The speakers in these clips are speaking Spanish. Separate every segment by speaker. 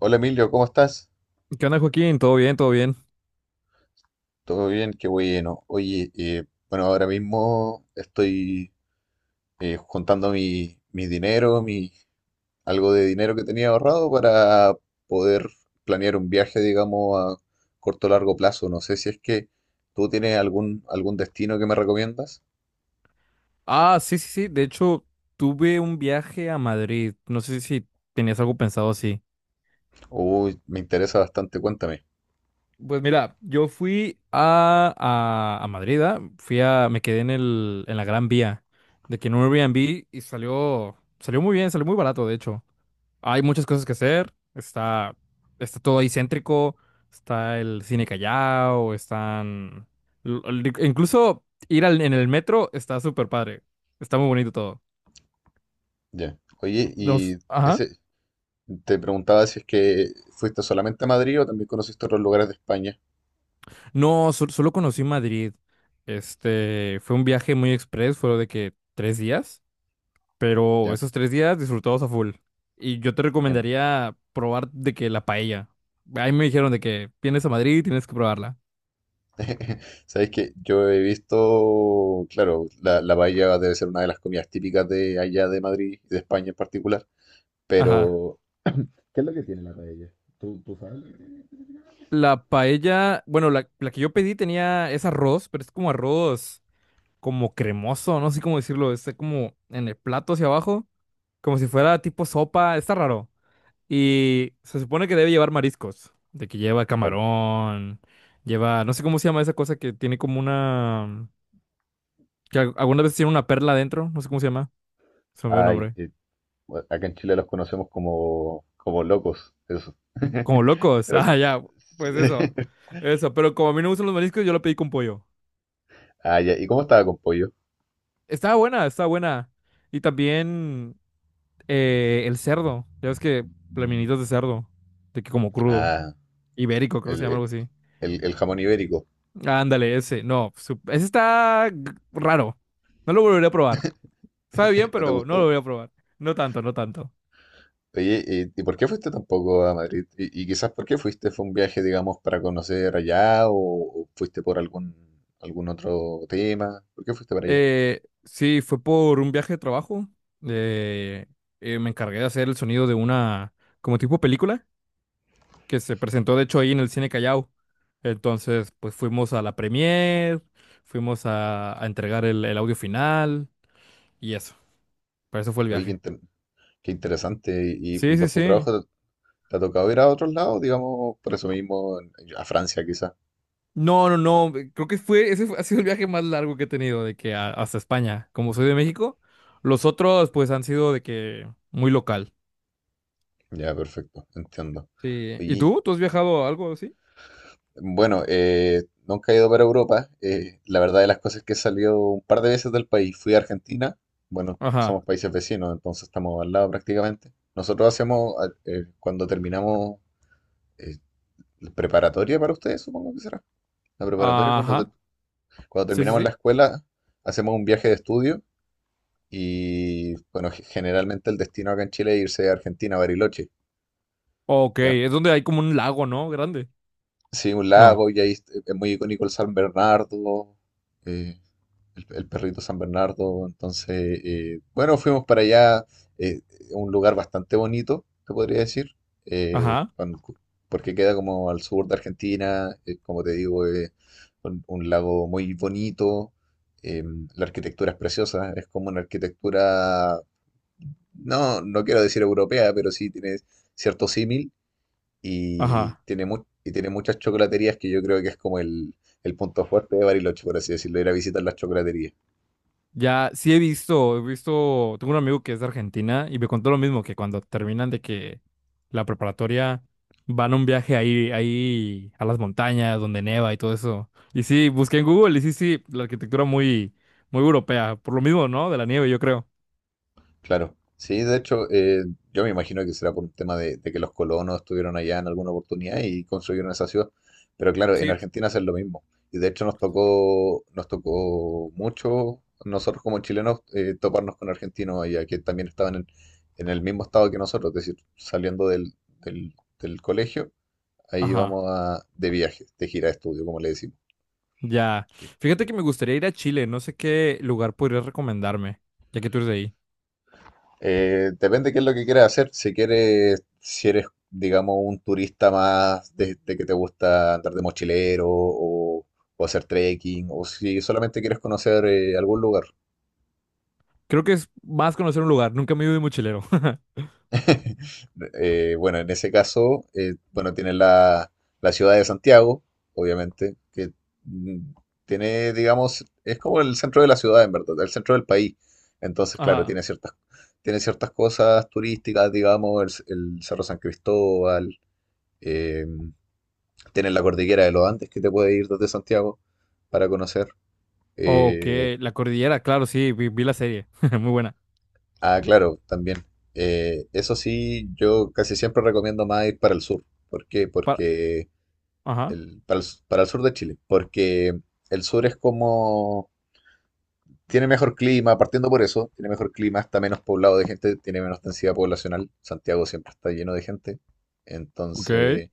Speaker 1: Hola Emilio, ¿cómo estás?
Speaker 2: ¿Qué onda, Joaquín? ¿Todo bien? ¿Todo bien?
Speaker 1: Todo bien, qué bueno. Oye, bueno, ahora mismo estoy juntando mi dinero, mi, algo de dinero que tenía ahorrado para poder planear un viaje, digamos, a corto o largo plazo. No sé si es que tú tienes algún destino que me recomiendas.
Speaker 2: Ah, sí, sí, sí. De hecho, tuve un viaje a Madrid. No sé si tenías algo pensado así.
Speaker 1: Uy, me interesa bastante, cuéntame.
Speaker 2: Pues mira, yo fui a Madrid, ¿ah? Me quedé en la Gran Vía, de que en un Airbnb y salió muy bien, salió muy barato, de hecho. Hay muchas cosas que hacer, está todo ahí céntrico, está el cine Callao, incluso en el metro está súper padre, está muy bonito todo.
Speaker 1: Ya. Oye, y
Speaker 2: Ajá.
Speaker 1: ese, te preguntaba si es que fuiste solamente a Madrid o también conociste otros lugares de España.
Speaker 2: No, solo conocí Madrid. Fue un viaje muy express, fue de que 3 días, pero
Speaker 1: Ya.
Speaker 2: esos 3 días disfrutados a full. Y yo te
Speaker 1: Em,
Speaker 2: recomendaría probar de que la paella. Ahí me dijeron de que vienes a Madrid y tienes que probarla.
Speaker 1: Sabéis que yo he visto, claro, la paella debe ser una de las comidas típicas de allá de Madrid y de España en particular,
Speaker 2: Ajá.
Speaker 1: pero
Speaker 2: La paella, bueno, la que yo pedí es arroz, pero es como arroz como cremoso, no sé cómo decirlo, está como en el plato hacia abajo, como si fuera tipo sopa, está raro. Y se supone que debe llevar mariscos, de que lleva
Speaker 1: claro,
Speaker 2: camarón, no sé cómo se llama esa cosa que tiene como una, que algunas veces tiene una perla adentro, no sé cómo se llama, se me olvidó el
Speaker 1: hay,
Speaker 2: nombre.
Speaker 1: bueno, acá en Chile los conocemos como, como locos, eso.
Speaker 2: Como locos,
Speaker 1: Pero,
Speaker 2: ah, ya, pues eso, eso, pero como a mí no me gustan los mariscos, yo lo pedí con pollo.
Speaker 1: ah, ya, ¿y cómo estaba con pollo?
Speaker 2: Estaba buena, estaba buena. Y también el cerdo, ya ves que plaminitos de cerdo, de que como crudo,
Speaker 1: Ah,
Speaker 2: ibérico, creo que se llama
Speaker 1: el,
Speaker 2: algo así.
Speaker 1: el jamón ibérico.
Speaker 2: Ándale, ese, no, ese está raro, no lo volveré a probar. Sabe bien,
Speaker 1: ¿No te
Speaker 2: pero no lo
Speaker 1: gustó?
Speaker 2: voy a probar. No tanto, no tanto.
Speaker 1: Oye, y por qué fuiste tampoco a Madrid? Y quizás por qué fuiste, ¿fue un viaje, digamos, para conocer allá o fuiste por algún otro tema? ¿Por qué fuiste para allá?
Speaker 2: Sí, fue por un viaje de trabajo. Eh, Me encargué de hacer el sonido de una, como tipo película, que se presentó de hecho ahí en el Cine Callao. Entonces, pues fuimos a la premiere, fuimos a entregar el audio final y eso. Para eso fue el
Speaker 1: Oye, qué,
Speaker 2: viaje.
Speaker 1: qué interesante. Y
Speaker 2: Sí, sí,
Speaker 1: por tu
Speaker 2: sí.
Speaker 1: trabajo, ¿te, te ha tocado ir a otros lados, digamos, por eso mismo, a Francia quizás?
Speaker 2: No, no, no. Creo que ha sido el viaje más largo que he tenido, de que hasta España. Como soy de México, los otros pues han sido de que muy local.
Speaker 1: Ya, perfecto, entiendo.
Speaker 2: Sí. ¿Y
Speaker 1: Oye,
Speaker 2: tú? ¿Tú has viajado a algo así?
Speaker 1: bueno, nunca he ido para Europa. La verdad de las cosas es que he salido un par de veces del país. Fui a Argentina. Bueno,
Speaker 2: Ajá.
Speaker 1: somos países vecinos, entonces estamos al lado prácticamente. Nosotros hacemos, cuando terminamos, eh, la preparatoria para ustedes, supongo que será. La preparatoria,
Speaker 2: Ajá.
Speaker 1: cuando
Speaker 2: Sí, sí,
Speaker 1: terminamos la
Speaker 2: sí.
Speaker 1: escuela, hacemos un viaje de estudio y, bueno, generalmente el destino acá en Chile es irse a Argentina, a Bariloche.
Speaker 2: Ok,
Speaker 1: ¿Ya?
Speaker 2: es donde hay como un lago, ¿no? Grande.
Speaker 1: Sí, un
Speaker 2: No.
Speaker 1: lago y ahí es muy icónico el San Bernardo. eh, el perrito San Bernardo. Entonces, bueno, fuimos para allá, eh, un lugar bastante bonito, te podría decir, eh,
Speaker 2: Ajá.
Speaker 1: con- porque queda como al sur de Argentina, como te digo, un lago muy bonito, eh, la arquitectura es preciosa, es como una arquitectura, no, no quiero decir europea, pero sí tiene cierto símil y
Speaker 2: Ajá.
Speaker 1: tiene, y tiene muchas chocolaterías que yo creo que es como el punto fuerte de Bariloche, por así decirlo, ir a visitar las chocolaterías.
Speaker 2: Ya, sí he visto, tengo un amigo que es de Argentina y me contó lo mismo, que cuando terminan de que la preparatoria van a un viaje ahí, ahí a las montañas donde neva y todo eso. Y sí, busqué en Google y sí, sí, la arquitectura muy, muy europea, por lo mismo, ¿no? De la nieve, yo creo.
Speaker 1: Claro, sí, de hecho, yo me imagino que será por un tema de que los colonos estuvieron allá en alguna oportunidad y construyeron esa ciudad. Pero claro, en
Speaker 2: Sí,
Speaker 1: Argentina hacen lo mismo. Y de hecho nos tocó mucho nosotros como chilenos toparnos con argentinos allá, que también estaban en el mismo estado que nosotros, es decir, saliendo del, del colegio, ahí
Speaker 2: ajá.
Speaker 1: vamos a, de viaje, de gira de estudio, como le decimos.
Speaker 2: Ya.
Speaker 1: Sí.
Speaker 2: Fíjate que me gustaría ir a Chile. No sé qué lugar podrías recomendarme, ya que tú eres de ahí.
Speaker 1: Depende qué es lo que quieras hacer. Si quieres, si eres, digamos, un turista más de que te gusta andar de mochilero o hacer trekking, o si solamente quieres conocer algún lugar.
Speaker 2: Creo que es más conocer un lugar. Nunca me he ido de mochilero.
Speaker 1: Bueno, en ese caso, bueno, tienes la ciudad de Santiago, obviamente, que mm, tiene, digamos, es como el centro de la ciudad, en verdad, el centro del país. Entonces, claro,
Speaker 2: Ajá.
Speaker 1: tiene ciertas cosas turísticas, digamos, el Cerro San Cristóbal. Eh, Tienes la cordillera de los Andes que te puede ir desde Santiago para conocer.
Speaker 2: Ok,
Speaker 1: Eh,
Speaker 2: la cordillera, claro, sí, vi la serie. Muy buena.
Speaker 1: ah, claro, también. Eso sí, yo casi siempre recomiendo más ir para el sur. ¿Por qué?
Speaker 2: Pa-
Speaker 1: Porque
Speaker 2: Ajá.
Speaker 1: el, para el, s- para el sur de Chile. Porque el sur es como... Tiene mejor clima, partiendo por eso, tiene mejor clima, está menos poblado de gente, tiene menos densidad poblacional. Santiago siempre está lleno de gente.
Speaker 2: Ok.
Speaker 1: Entonces...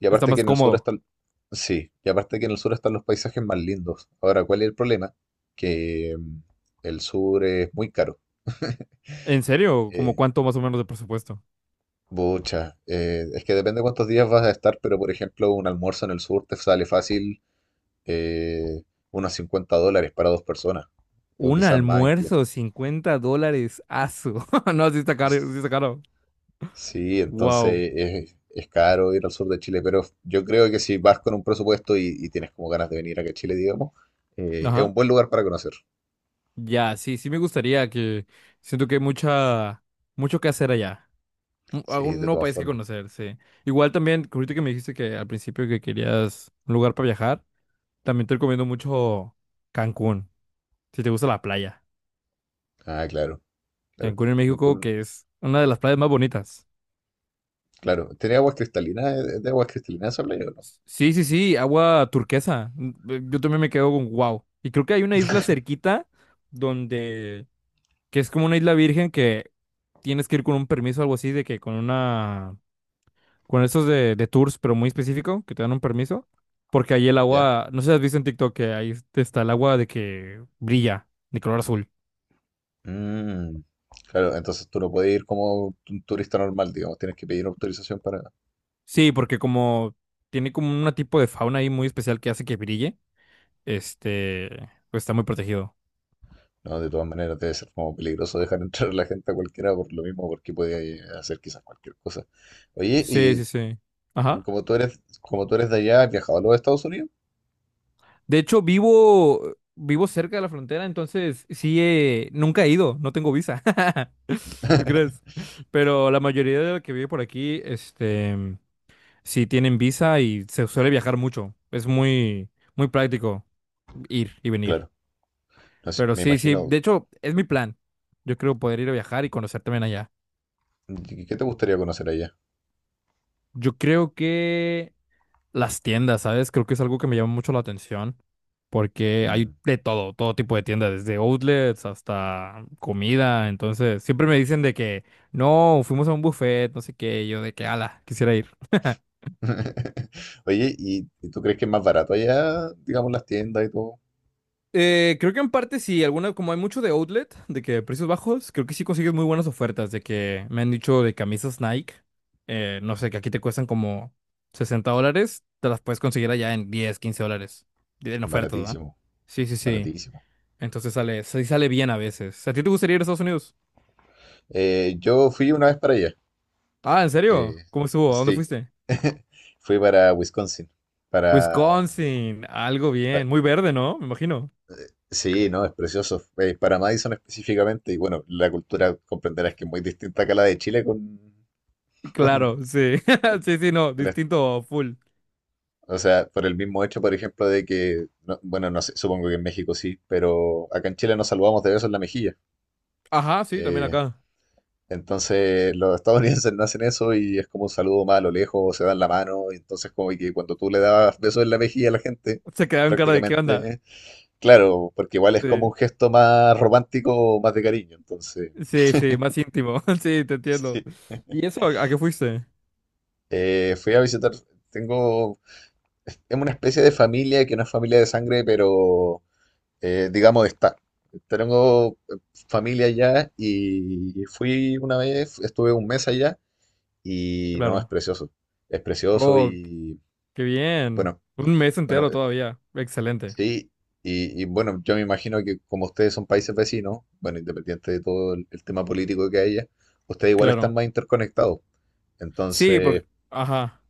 Speaker 1: Y
Speaker 2: Está
Speaker 1: aparte que
Speaker 2: más
Speaker 1: en el sur
Speaker 2: cómodo.
Speaker 1: están, sí, y aparte que en el sur están los paisajes más lindos. Ahora, ¿cuál es el problema? Que el sur es muy caro.
Speaker 2: ¿En serio? ¿Como
Speaker 1: Eh,
Speaker 2: cuánto más o menos de presupuesto?
Speaker 1: Bucha, es que depende cuántos días vas a estar, pero por ejemplo, un almuerzo en el sur te sale fácil eh, unos $50 para dos personas, o
Speaker 2: Un
Speaker 1: quizás más incluso.
Speaker 2: almuerzo, $50. Asu. No, sí está caro, sí está
Speaker 1: S-
Speaker 2: caro.
Speaker 1: Sí,
Speaker 2: Wow.
Speaker 1: entonces es caro ir al sur de Chile, pero yo creo que si vas con un presupuesto y tienes como ganas de venir acá a Chile, digamos, es
Speaker 2: Ajá.
Speaker 1: un buen lugar para conocer.
Speaker 2: Ya, sí, sí me gustaría que. Siento que hay mucha. Mucho que hacer allá.
Speaker 1: Sí,
Speaker 2: Algún
Speaker 1: de
Speaker 2: nuevo
Speaker 1: todas
Speaker 2: país que
Speaker 1: formas.
Speaker 2: conocer, sí. Igual también, que ahorita que me dijiste que al principio que querías un lugar para viajar, también te recomiendo mucho Cancún, si te gusta la playa.
Speaker 1: Ah, claro, claro.
Speaker 2: Cancún en México,
Speaker 1: Cancún,
Speaker 2: que es una de las playas más bonitas.
Speaker 1: claro. ¿Tiene aguas cristalinas? ¿Es de aguas cristalinas esa playa o no?
Speaker 2: Sí, sí, sí, agua turquesa. Yo también me quedo con wow. Y creo que hay una isla cerquita donde, que es como una isla virgen que tienes que ir con un permiso o algo así, de que con estos de tours, pero muy específico, que te dan un permiso, porque ahí el
Speaker 1: Ya.
Speaker 2: agua, no sé si has visto en TikTok que ahí está el agua de que brilla, de color azul.
Speaker 1: Mm, claro, entonces tú no puedes ir como un turista normal, digamos. Tienes que pedir autorización para...
Speaker 2: Sí, porque como tiene como un tipo de fauna ahí muy especial que hace que brille, este, pues está muy protegido.
Speaker 1: No, de todas maneras debe ser como peligroso dejar entrar a la gente a cualquiera por lo mismo, porque podía hacer quizás cualquier cosa. Oye,
Speaker 2: Sí,
Speaker 1: y
Speaker 2: sí, sí. Ajá.
Speaker 1: como tú eres de allá, ¿has viajado a los Estados Unidos?
Speaker 2: De hecho, vivo cerca de la frontera, entonces sí, nunca he ido, no tengo visa. ¿Tú crees? Pero la mayoría de la que vive por aquí. Sí, tienen visa y se suele viajar mucho. Es muy, muy práctico ir y venir.
Speaker 1: Claro. No sé,
Speaker 2: Pero
Speaker 1: me
Speaker 2: sí, sí,
Speaker 1: imagino.
Speaker 2: de hecho, es mi plan. Yo creo poder ir a viajar y conocer también allá.
Speaker 1: ¿Qué te gustaría conocer allá?
Speaker 2: Yo creo que las tiendas, ¿sabes? Creo que es algo que me llama mucho la atención. Porque
Speaker 1: Mm.
Speaker 2: hay de todo, todo tipo de tiendas, desde outlets hasta comida. Entonces, siempre me dicen de que no, fuimos a un buffet, no sé qué. Y yo de que, ala, quisiera ir.
Speaker 1: Oye, y tú crees que es más barato allá, digamos, las tiendas y todo?
Speaker 2: Creo que en parte sí, alguna, como hay mucho de outlet, de que precios bajos, creo que sí consigues muy buenas ofertas, de que me han dicho de camisas Nike, no sé, que aquí te cuestan como $60, te las puedes conseguir allá en 10 $15, en ofertas, ¿va?
Speaker 1: Baratísimo,
Speaker 2: Sí, sí, sí,
Speaker 1: baratísimo.
Speaker 2: entonces sale, sí sale bien a veces. ¿A ti te gustaría ir a Estados Unidos?
Speaker 1: Yo fui una vez para allá.
Speaker 2: Ah, ¿en serio?
Speaker 1: eh,
Speaker 2: ¿Cómo estuvo? ¿A dónde
Speaker 1: sí,
Speaker 2: fuiste?
Speaker 1: fui para Wisconsin. Para,
Speaker 2: Wisconsin, algo
Speaker 1: pa-
Speaker 2: bien, muy verde, ¿no? Me imagino.
Speaker 1: sí, no, es precioso. Para Madison específicamente. Y bueno, la cultura comprenderás que es muy distinta acá a la de Chile con,
Speaker 2: Claro, sí,
Speaker 1: con-
Speaker 2: sí, sí, no,
Speaker 1: con esto.
Speaker 2: distinto, full.
Speaker 1: O sea, por el mismo hecho, por ejemplo, de que, bueno, no sé, supongo que en México sí, pero acá en Chile nos saludamos de besos en la mejilla.
Speaker 2: Ajá, sí, también
Speaker 1: eh,
Speaker 2: acá.
Speaker 1: Entonces los estadounidenses no hacen eso y es como un saludo más a lo lejos, se dan la mano, y entonces como que cuando tú le dabas besos en la mejilla a la gente,
Speaker 2: Se quedaron cara de qué
Speaker 1: prácticamente,
Speaker 2: onda.
Speaker 1: ¿eh? Claro, porque igual es como un
Speaker 2: Sí,
Speaker 1: gesto más romántico, más de cariño, entonces
Speaker 2: sí, sí, más íntimo. Sí, te entiendo.
Speaker 1: sí.
Speaker 2: ¿Y eso a qué fuiste?
Speaker 1: Fui a visitar, tengo, es una especie de familia que no es familia de sangre, pero digamos de estar. Tengo familia allá y fui una vez, estuve un mes allá y no, es
Speaker 2: Claro.
Speaker 1: precioso, es precioso.
Speaker 2: Oh,
Speaker 1: Y
Speaker 2: qué bien.
Speaker 1: bueno,
Speaker 2: Un mes
Speaker 1: bueno,
Speaker 2: entero todavía. Excelente.
Speaker 1: sí, y bueno, yo me imagino que como ustedes son países vecinos, bueno, independiente de todo el tema político que haya, ustedes igual están
Speaker 2: Claro.
Speaker 1: más interconectados.
Speaker 2: Sí,
Speaker 1: Entonces,
Speaker 2: porque... Ajá.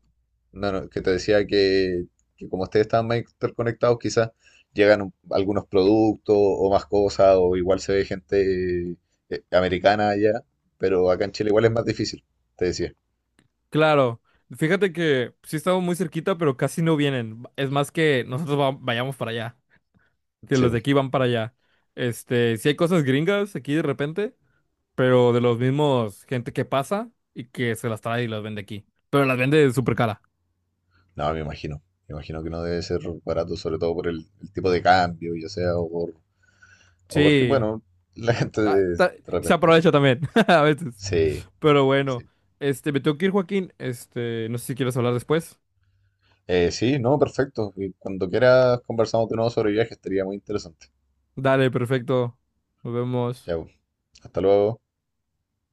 Speaker 1: no, no, que te decía que como ustedes están más interconectados, quizás llegan algunos productos o más cosas, o igual se ve gente americana allá, pero acá en Chile igual es más difícil, te decía.
Speaker 2: Claro. Fíjate que sí estamos muy cerquita, pero casi no vienen. Es más que nosotros vayamos para allá. Que
Speaker 1: Sí.
Speaker 2: los de aquí van para allá. Sí hay cosas gringas aquí de repente, pero de los mismos gente que pasa y que se las trae y las vende aquí. Pero las vende súper cara.
Speaker 1: No, me imagino. Me imagino que no debe ser barato, sobre todo por el tipo de cambio, ya sea, o por, o porque,
Speaker 2: Sí.
Speaker 1: bueno, la gente
Speaker 2: Ah,
Speaker 1: de
Speaker 2: se
Speaker 1: repente.
Speaker 2: aprovecha también, a veces.
Speaker 1: Sí,
Speaker 2: Pero bueno,
Speaker 1: sí.
Speaker 2: me tengo que ir, Joaquín. No sé si quieres hablar después.
Speaker 1: Sí, no, perfecto. Y cuando quieras conversamos de nuevo sobre viajes, estaría muy interesante.
Speaker 2: Dale, perfecto. Nos vemos.
Speaker 1: Ya, pues. Hasta luego.